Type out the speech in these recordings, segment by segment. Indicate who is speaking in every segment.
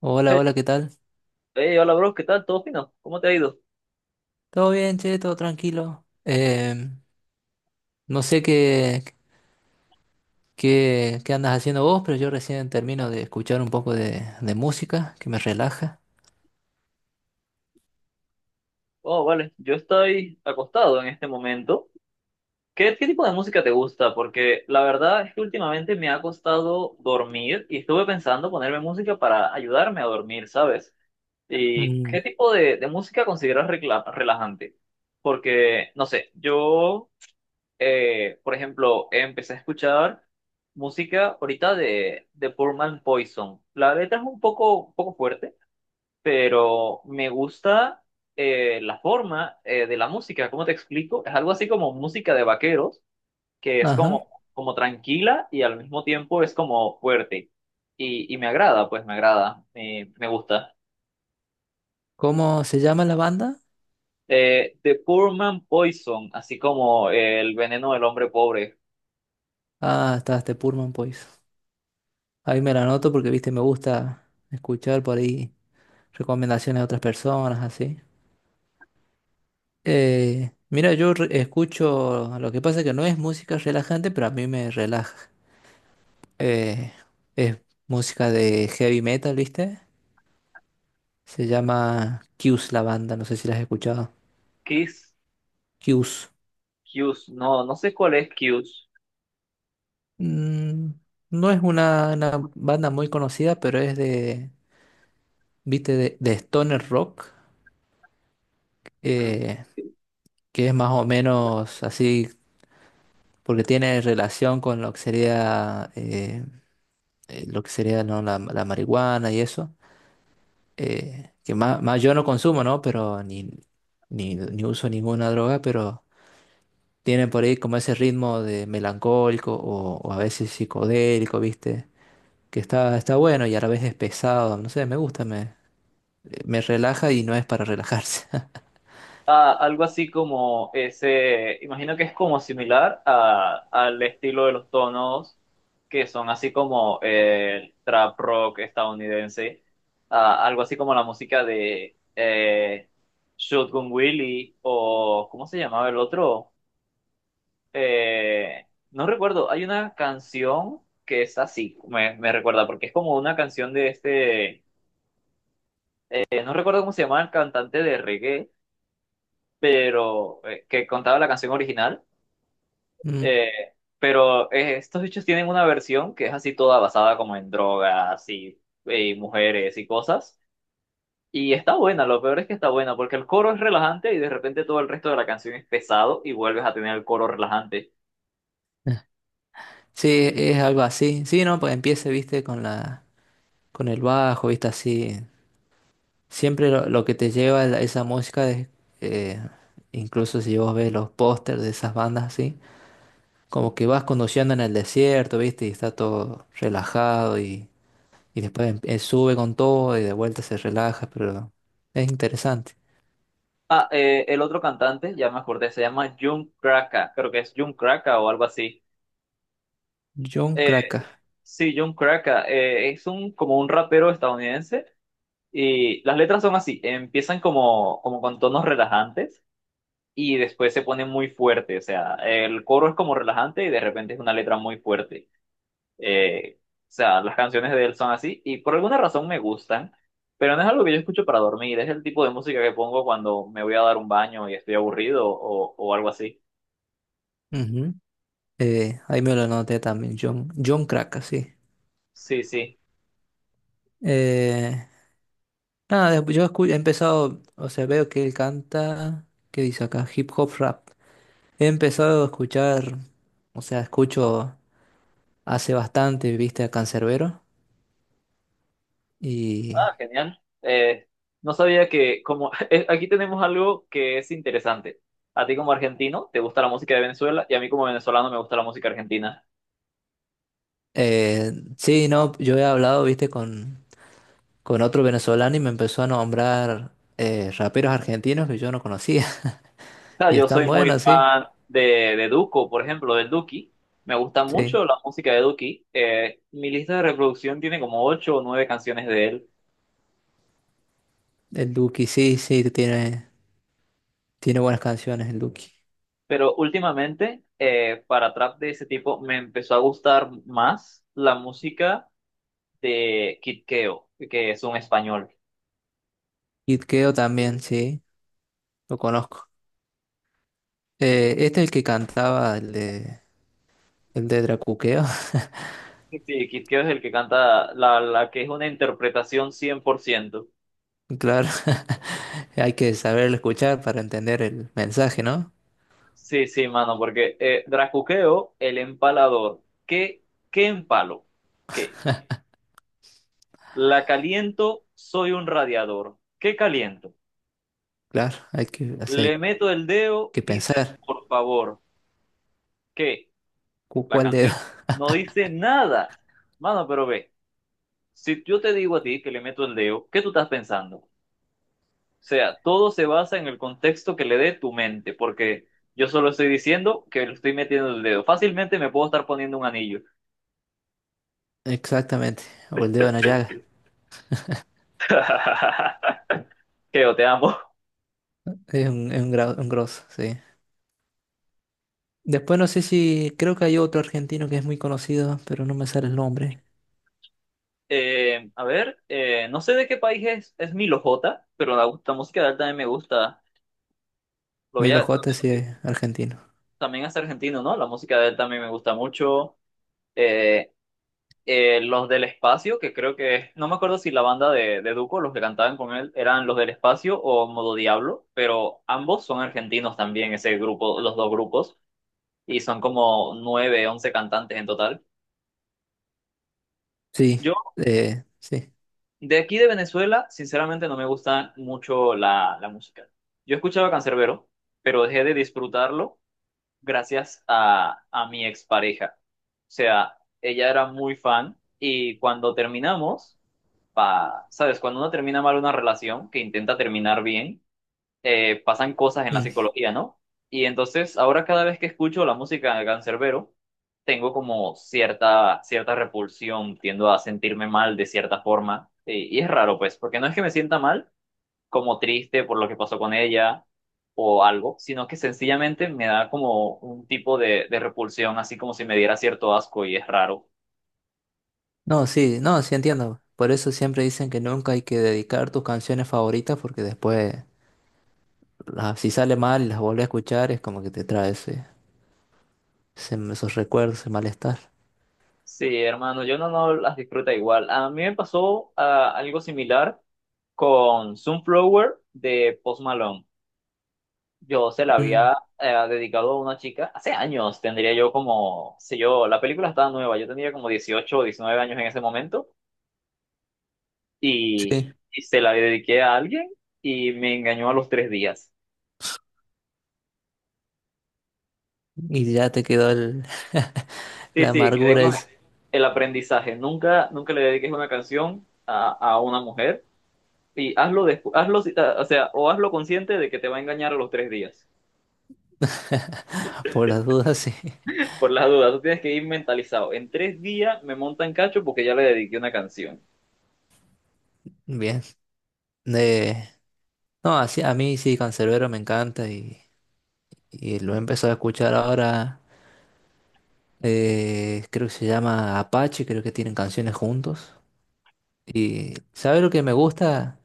Speaker 1: Hola, hola, ¿qué tal?
Speaker 2: Hey, hola bro, ¿qué tal? ¿Todo fino? ¿Cómo te ha ido?
Speaker 1: ¿Todo bien, che? ¿Todo tranquilo? No sé qué, qué andas haciendo vos, pero yo recién termino de escuchar un poco de música que me relaja.
Speaker 2: Oh, vale, yo estoy acostado en este momento. ¿Qué tipo de música te gusta? Porque la verdad es que últimamente me ha costado dormir y estuve pensando ponerme música para ayudarme a dormir, ¿sabes? ¿Y
Speaker 1: Mm.
Speaker 2: qué tipo de música consideras relajante? Porque, no sé, yo, por ejemplo, empecé a escuchar música ahorita de Poor Man Poison. La letra es un poco fuerte pero me gusta la forma de la música. ¿Cómo te explico? Es algo así como música de vaqueros, que es
Speaker 1: Ajá.
Speaker 2: como tranquila y al mismo tiempo es como fuerte. Y me agrada, pues me agrada, me gusta.
Speaker 1: ¿Cómo se llama la banda?
Speaker 2: The Poor Man Poison, así como el veneno del hombre pobre.
Speaker 1: Ah, está este Pullman Boys. Ahí me la anoto porque, viste, me gusta escuchar por ahí recomendaciones de otras personas, así. Mira, escucho, lo que pasa es que no es música relajante, pero a mí me relaja. Eh, es música de heavy metal, ¿viste? Se llama Q's la banda, no sé si la has escuchado.
Speaker 2: Kiss,
Speaker 1: Q's.
Speaker 2: Cues, no, no sé cuál es Cues.
Speaker 1: Mm, no es una banda muy conocida, pero es de, ¿viste? De stoner rock, eh, que es más o menos así, porque tiene relación con lo que sería, ¿no?, la marihuana y eso. Que más, más yo no consumo, ¿no? Pero ni uso ninguna droga, pero tienen por ahí como ese ritmo de melancólico o a veces psicodélico, ¿viste? Que está bueno y a la vez es pesado, no sé, me gusta, me relaja y no es para relajarse.
Speaker 2: Ah, algo así como ese, imagino que es como similar a, al estilo de los tonos que son así como el trap rock estadounidense. Ah, algo así como la música de Shotgun Willie o ¿cómo se llamaba el otro? No recuerdo, hay una canción que es así, me recuerda, porque es como una canción de este, no recuerdo cómo se llama el cantante de reggae, pero que contaba la canción original.
Speaker 1: Mm.
Speaker 2: Eh, pero estos bichos tienen una versión que es así toda basada como en drogas y mujeres y cosas. Y está buena, lo peor es que está buena, porque el coro es relajante y de repente todo el resto de la canción es pesado y vuelves a tener el coro relajante.
Speaker 1: Sí, es algo así. Sí, no, pues empiece, viste, con con el bajo, viste, así. Siempre lo que te lleva a esa música es, eh, incluso si vos ves los pósters de esas bandas así, como que vas conduciendo en el desierto, viste, y está todo relajado. Y después sube con todo y de vuelta se relaja, pero es interesante.
Speaker 2: Ah, el otro cantante, ya me acordé, se llama Jun Kraka, creo que es Jun Kraka o algo así.
Speaker 1: John
Speaker 2: Eh,
Speaker 1: Kraka.
Speaker 2: sí, Jun Kraka, es como un rapero estadounidense y las letras son así, empiezan como con tonos relajantes y después se pone muy fuerte. O sea, el coro es como relajante y de repente es una letra muy fuerte. O sea, las canciones de él son así y por alguna razón me gustan, pero no es algo que yo escucho para dormir. Es el tipo de música que pongo cuando me voy a dar un baño y estoy aburrido o algo así.
Speaker 1: Ujú. Ahí me lo anoté también, John, John Kraka, sí.
Speaker 2: Sí, sí.
Speaker 1: Eh, nada, he empezado, o sea, veo que él canta, ¿qué dice acá? Hip hop rap. He empezado a escuchar, o sea, escucho hace bastante, viste, a Canserbero. Y
Speaker 2: Ah, genial. No sabía que como aquí tenemos algo que es interesante. A ti como argentino te gusta la música de Venezuela y a mí como venezolano me gusta la música argentina.
Speaker 1: sí, no, yo he hablado, viste, con otro venezolano y me empezó a nombrar raperos argentinos que yo no conocía.
Speaker 2: Sea,
Speaker 1: Y
Speaker 2: yo
Speaker 1: están
Speaker 2: soy muy
Speaker 1: buenos, sí.
Speaker 2: fan de Duco, por ejemplo, del Duki. Me gusta
Speaker 1: Sí.
Speaker 2: mucho la música de Duki. Mi lista de reproducción tiene como ocho o nueve canciones de él.
Speaker 1: El Duki, sí, sí, tiene, tiene buenas canciones el Duki.
Speaker 2: Pero últimamente, para trap de ese tipo, me empezó a gustar más la música de Kid Keo, que es un español.
Speaker 1: Kid Keo también, sí, lo conozco. Este es el que cantaba el de Dracuqueo.
Speaker 2: Sí, Kid Keo es el que canta la, la que es una interpretación 100%.
Speaker 1: Claro, hay que saberlo escuchar para entender el mensaje, ¿no?
Speaker 2: Sí, sí, mano, porque Dracuqueo, el empalador. ¿Qué, qué empalo? ¿Qué? La caliento, soy un radiador. ¿Qué caliento?
Speaker 1: Claro, hay que, o sea,
Speaker 2: Le
Speaker 1: hay
Speaker 2: meto el dedo,
Speaker 1: que
Speaker 2: dice
Speaker 1: pensar.
Speaker 2: por favor. ¿Qué?
Speaker 1: ¿Cu-
Speaker 2: La
Speaker 1: ¿Cuál dedo?
Speaker 2: canción no dice nada. Mano, pero ve, si yo te digo a ti que le meto el dedo, ¿qué tú estás pensando? O sea, todo se basa en el contexto que le dé tu mente, porque yo solo estoy diciendo que le estoy metiendo el dedo. Fácilmente me puedo estar poniendo un anillo.
Speaker 1: Exactamente. O el dedo en la llaga.
Speaker 2: Keo, te amo.
Speaker 1: Es un, gra- un grosso, sí. Después no sé si, creo que hay otro argentino que es muy conocido, pero no me sale el nombre.
Speaker 2: A ver, no sé de qué país es Milo J, pero la música de él también me gusta.
Speaker 1: Milo
Speaker 2: Lo
Speaker 1: J
Speaker 2: tengo
Speaker 1: sí
Speaker 2: que-
Speaker 1: es argentino.
Speaker 2: también es argentino, ¿no? La música de él también me gusta mucho. Eh, los del espacio, que creo que, no me acuerdo si la banda de Duco, los que cantaban con él, eran los del espacio o Modo Diablo, pero ambos son argentinos también, ese grupo, los dos grupos, y son como nueve, 11 cantantes en total.
Speaker 1: Sí,
Speaker 2: Yo,
Speaker 1: sí.
Speaker 2: de aquí de Venezuela, sinceramente no me gusta mucho la música. Yo escuchaba Canserbero, pero dejé de disfrutarlo gracias a mi expareja. O sea, ella era muy fan y cuando terminamos, sabes, cuando uno termina mal una relación, que intenta terminar bien, pasan cosas en la
Speaker 1: Mm.
Speaker 2: psicología, ¿no? Y entonces ahora cada vez que escucho la música de Canserbero, tengo como cierta, cierta repulsión, tiendo a sentirme mal de cierta forma. Y es raro, pues, porque no es que me sienta mal, como triste por lo que pasó con ella o algo, sino que sencillamente me da como un tipo de repulsión, así como si me diera cierto asco y es raro.
Speaker 1: No, sí, no, sí entiendo. Por eso siempre dicen que nunca hay que dedicar tus canciones favoritas porque después, las- si sale mal y las vuelves a escuchar, es como que te trae ese- ese- esos recuerdos, ese malestar.
Speaker 2: Sí, hermano, yo no las disfruta igual. A mí me pasó algo similar con Sunflower de Post Malone. Yo se la
Speaker 1: Mm,
Speaker 2: había dedicado a una chica hace años, tendría yo como, sé yo, la película estaba nueva, yo tenía como 18 o 19 años en ese momento y,
Speaker 1: sí.
Speaker 2: y se la dediqué a alguien y me engañó a los 3 días.
Speaker 1: Y ya te quedó el,
Speaker 2: Sí,
Speaker 1: la
Speaker 2: sí, quedé
Speaker 1: amargura
Speaker 2: con
Speaker 1: es
Speaker 2: el aprendizaje. Nunca, nunca le dediques una canción a una mujer y hazlo, o sea, o hazlo consciente de que te va a engañar a los 3 días.
Speaker 1: por las dudas, sí.
Speaker 2: Por las dudas, tú tienes que ir mentalizado. En 3 días me monta en cacho porque ya le dediqué una canción.
Speaker 1: Bien. Eh, No, así, a mí sí, Canserbero me encanta y lo he empezado a escuchar ahora. Creo que se llama Apache, creo que tienen canciones juntos. Y ¿sabes lo que me gusta?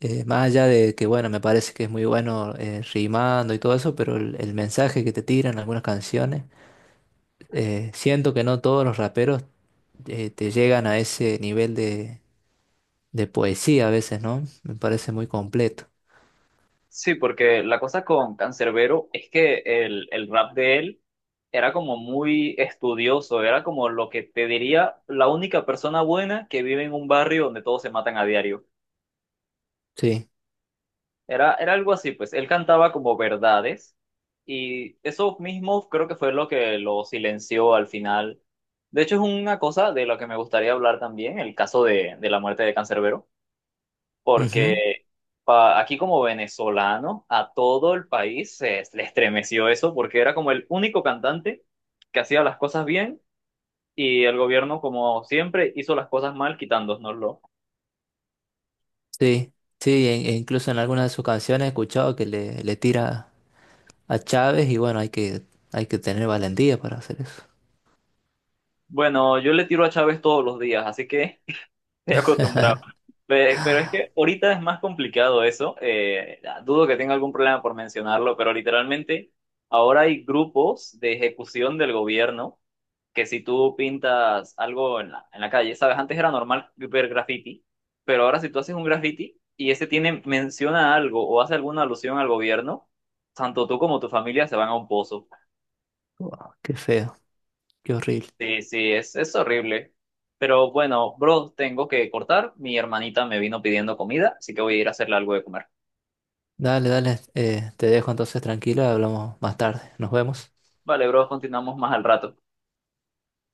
Speaker 1: Más allá de que, bueno, me parece que es muy bueno rimando y todo eso, pero el mensaje que te tiran algunas canciones, siento que no todos los raperos te llegan a ese nivel de poesía a veces, ¿no? Me parece muy completo.
Speaker 2: Sí, porque la cosa con Cancerbero es que el rap de él era como muy estudioso, era como lo que te diría la única persona buena que vive en un barrio donde todos se matan a diario.
Speaker 1: Sí.
Speaker 2: Era algo así, pues él cantaba como verdades y eso mismo creo que fue lo que lo silenció al final. De hecho, es una cosa de la que me gustaría hablar también, el caso de la muerte de Cancerbero
Speaker 1: Ujú.
Speaker 2: porque aquí como venezolano a todo el país se le estremeció eso porque era como el único cantante que hacía las cosas bien y el gobierno como siempre hizo las cosas mal quitándonoslo.
Speaker 1: Sí, sí, e e incluso en algunas de sus canciones he escuchado que le tira a Chávez y bueno, hay que tener valentía para hacer eso.
Speaker 2: Bueno, yo le tiro a Chávez todos los días, así que... Estoy acostumbrado. Pero es que ahorita es más complicado eso. Dudo que tenga algún problema por mencionarlo, pero literalmente ahora hay grupos de ejecución del gobierno que si tú pintas algo en la calle, sabes, antes era normal ver graffiti, pero ahora si tú haces un graffiti y ese tiene, menciona algo o hace alguna alusión al gobierno, tanto tú como tu familia se van a un pozo.
Speaker 1: Wow, qué feo, qué horrible.
Speaker 2: Sí, sí, es horrible. Pero bueno, bro, tengo que cortar. Mi hermanita me vino pidiendo comida, así que voy a ir a hacerle algo de comer.
Speaker 1: Dale, dale, te dejo entonces tranquila, hablamos más tarde. Nos vemos.
Speaker 2: Vale, bro, continuamos más al rato.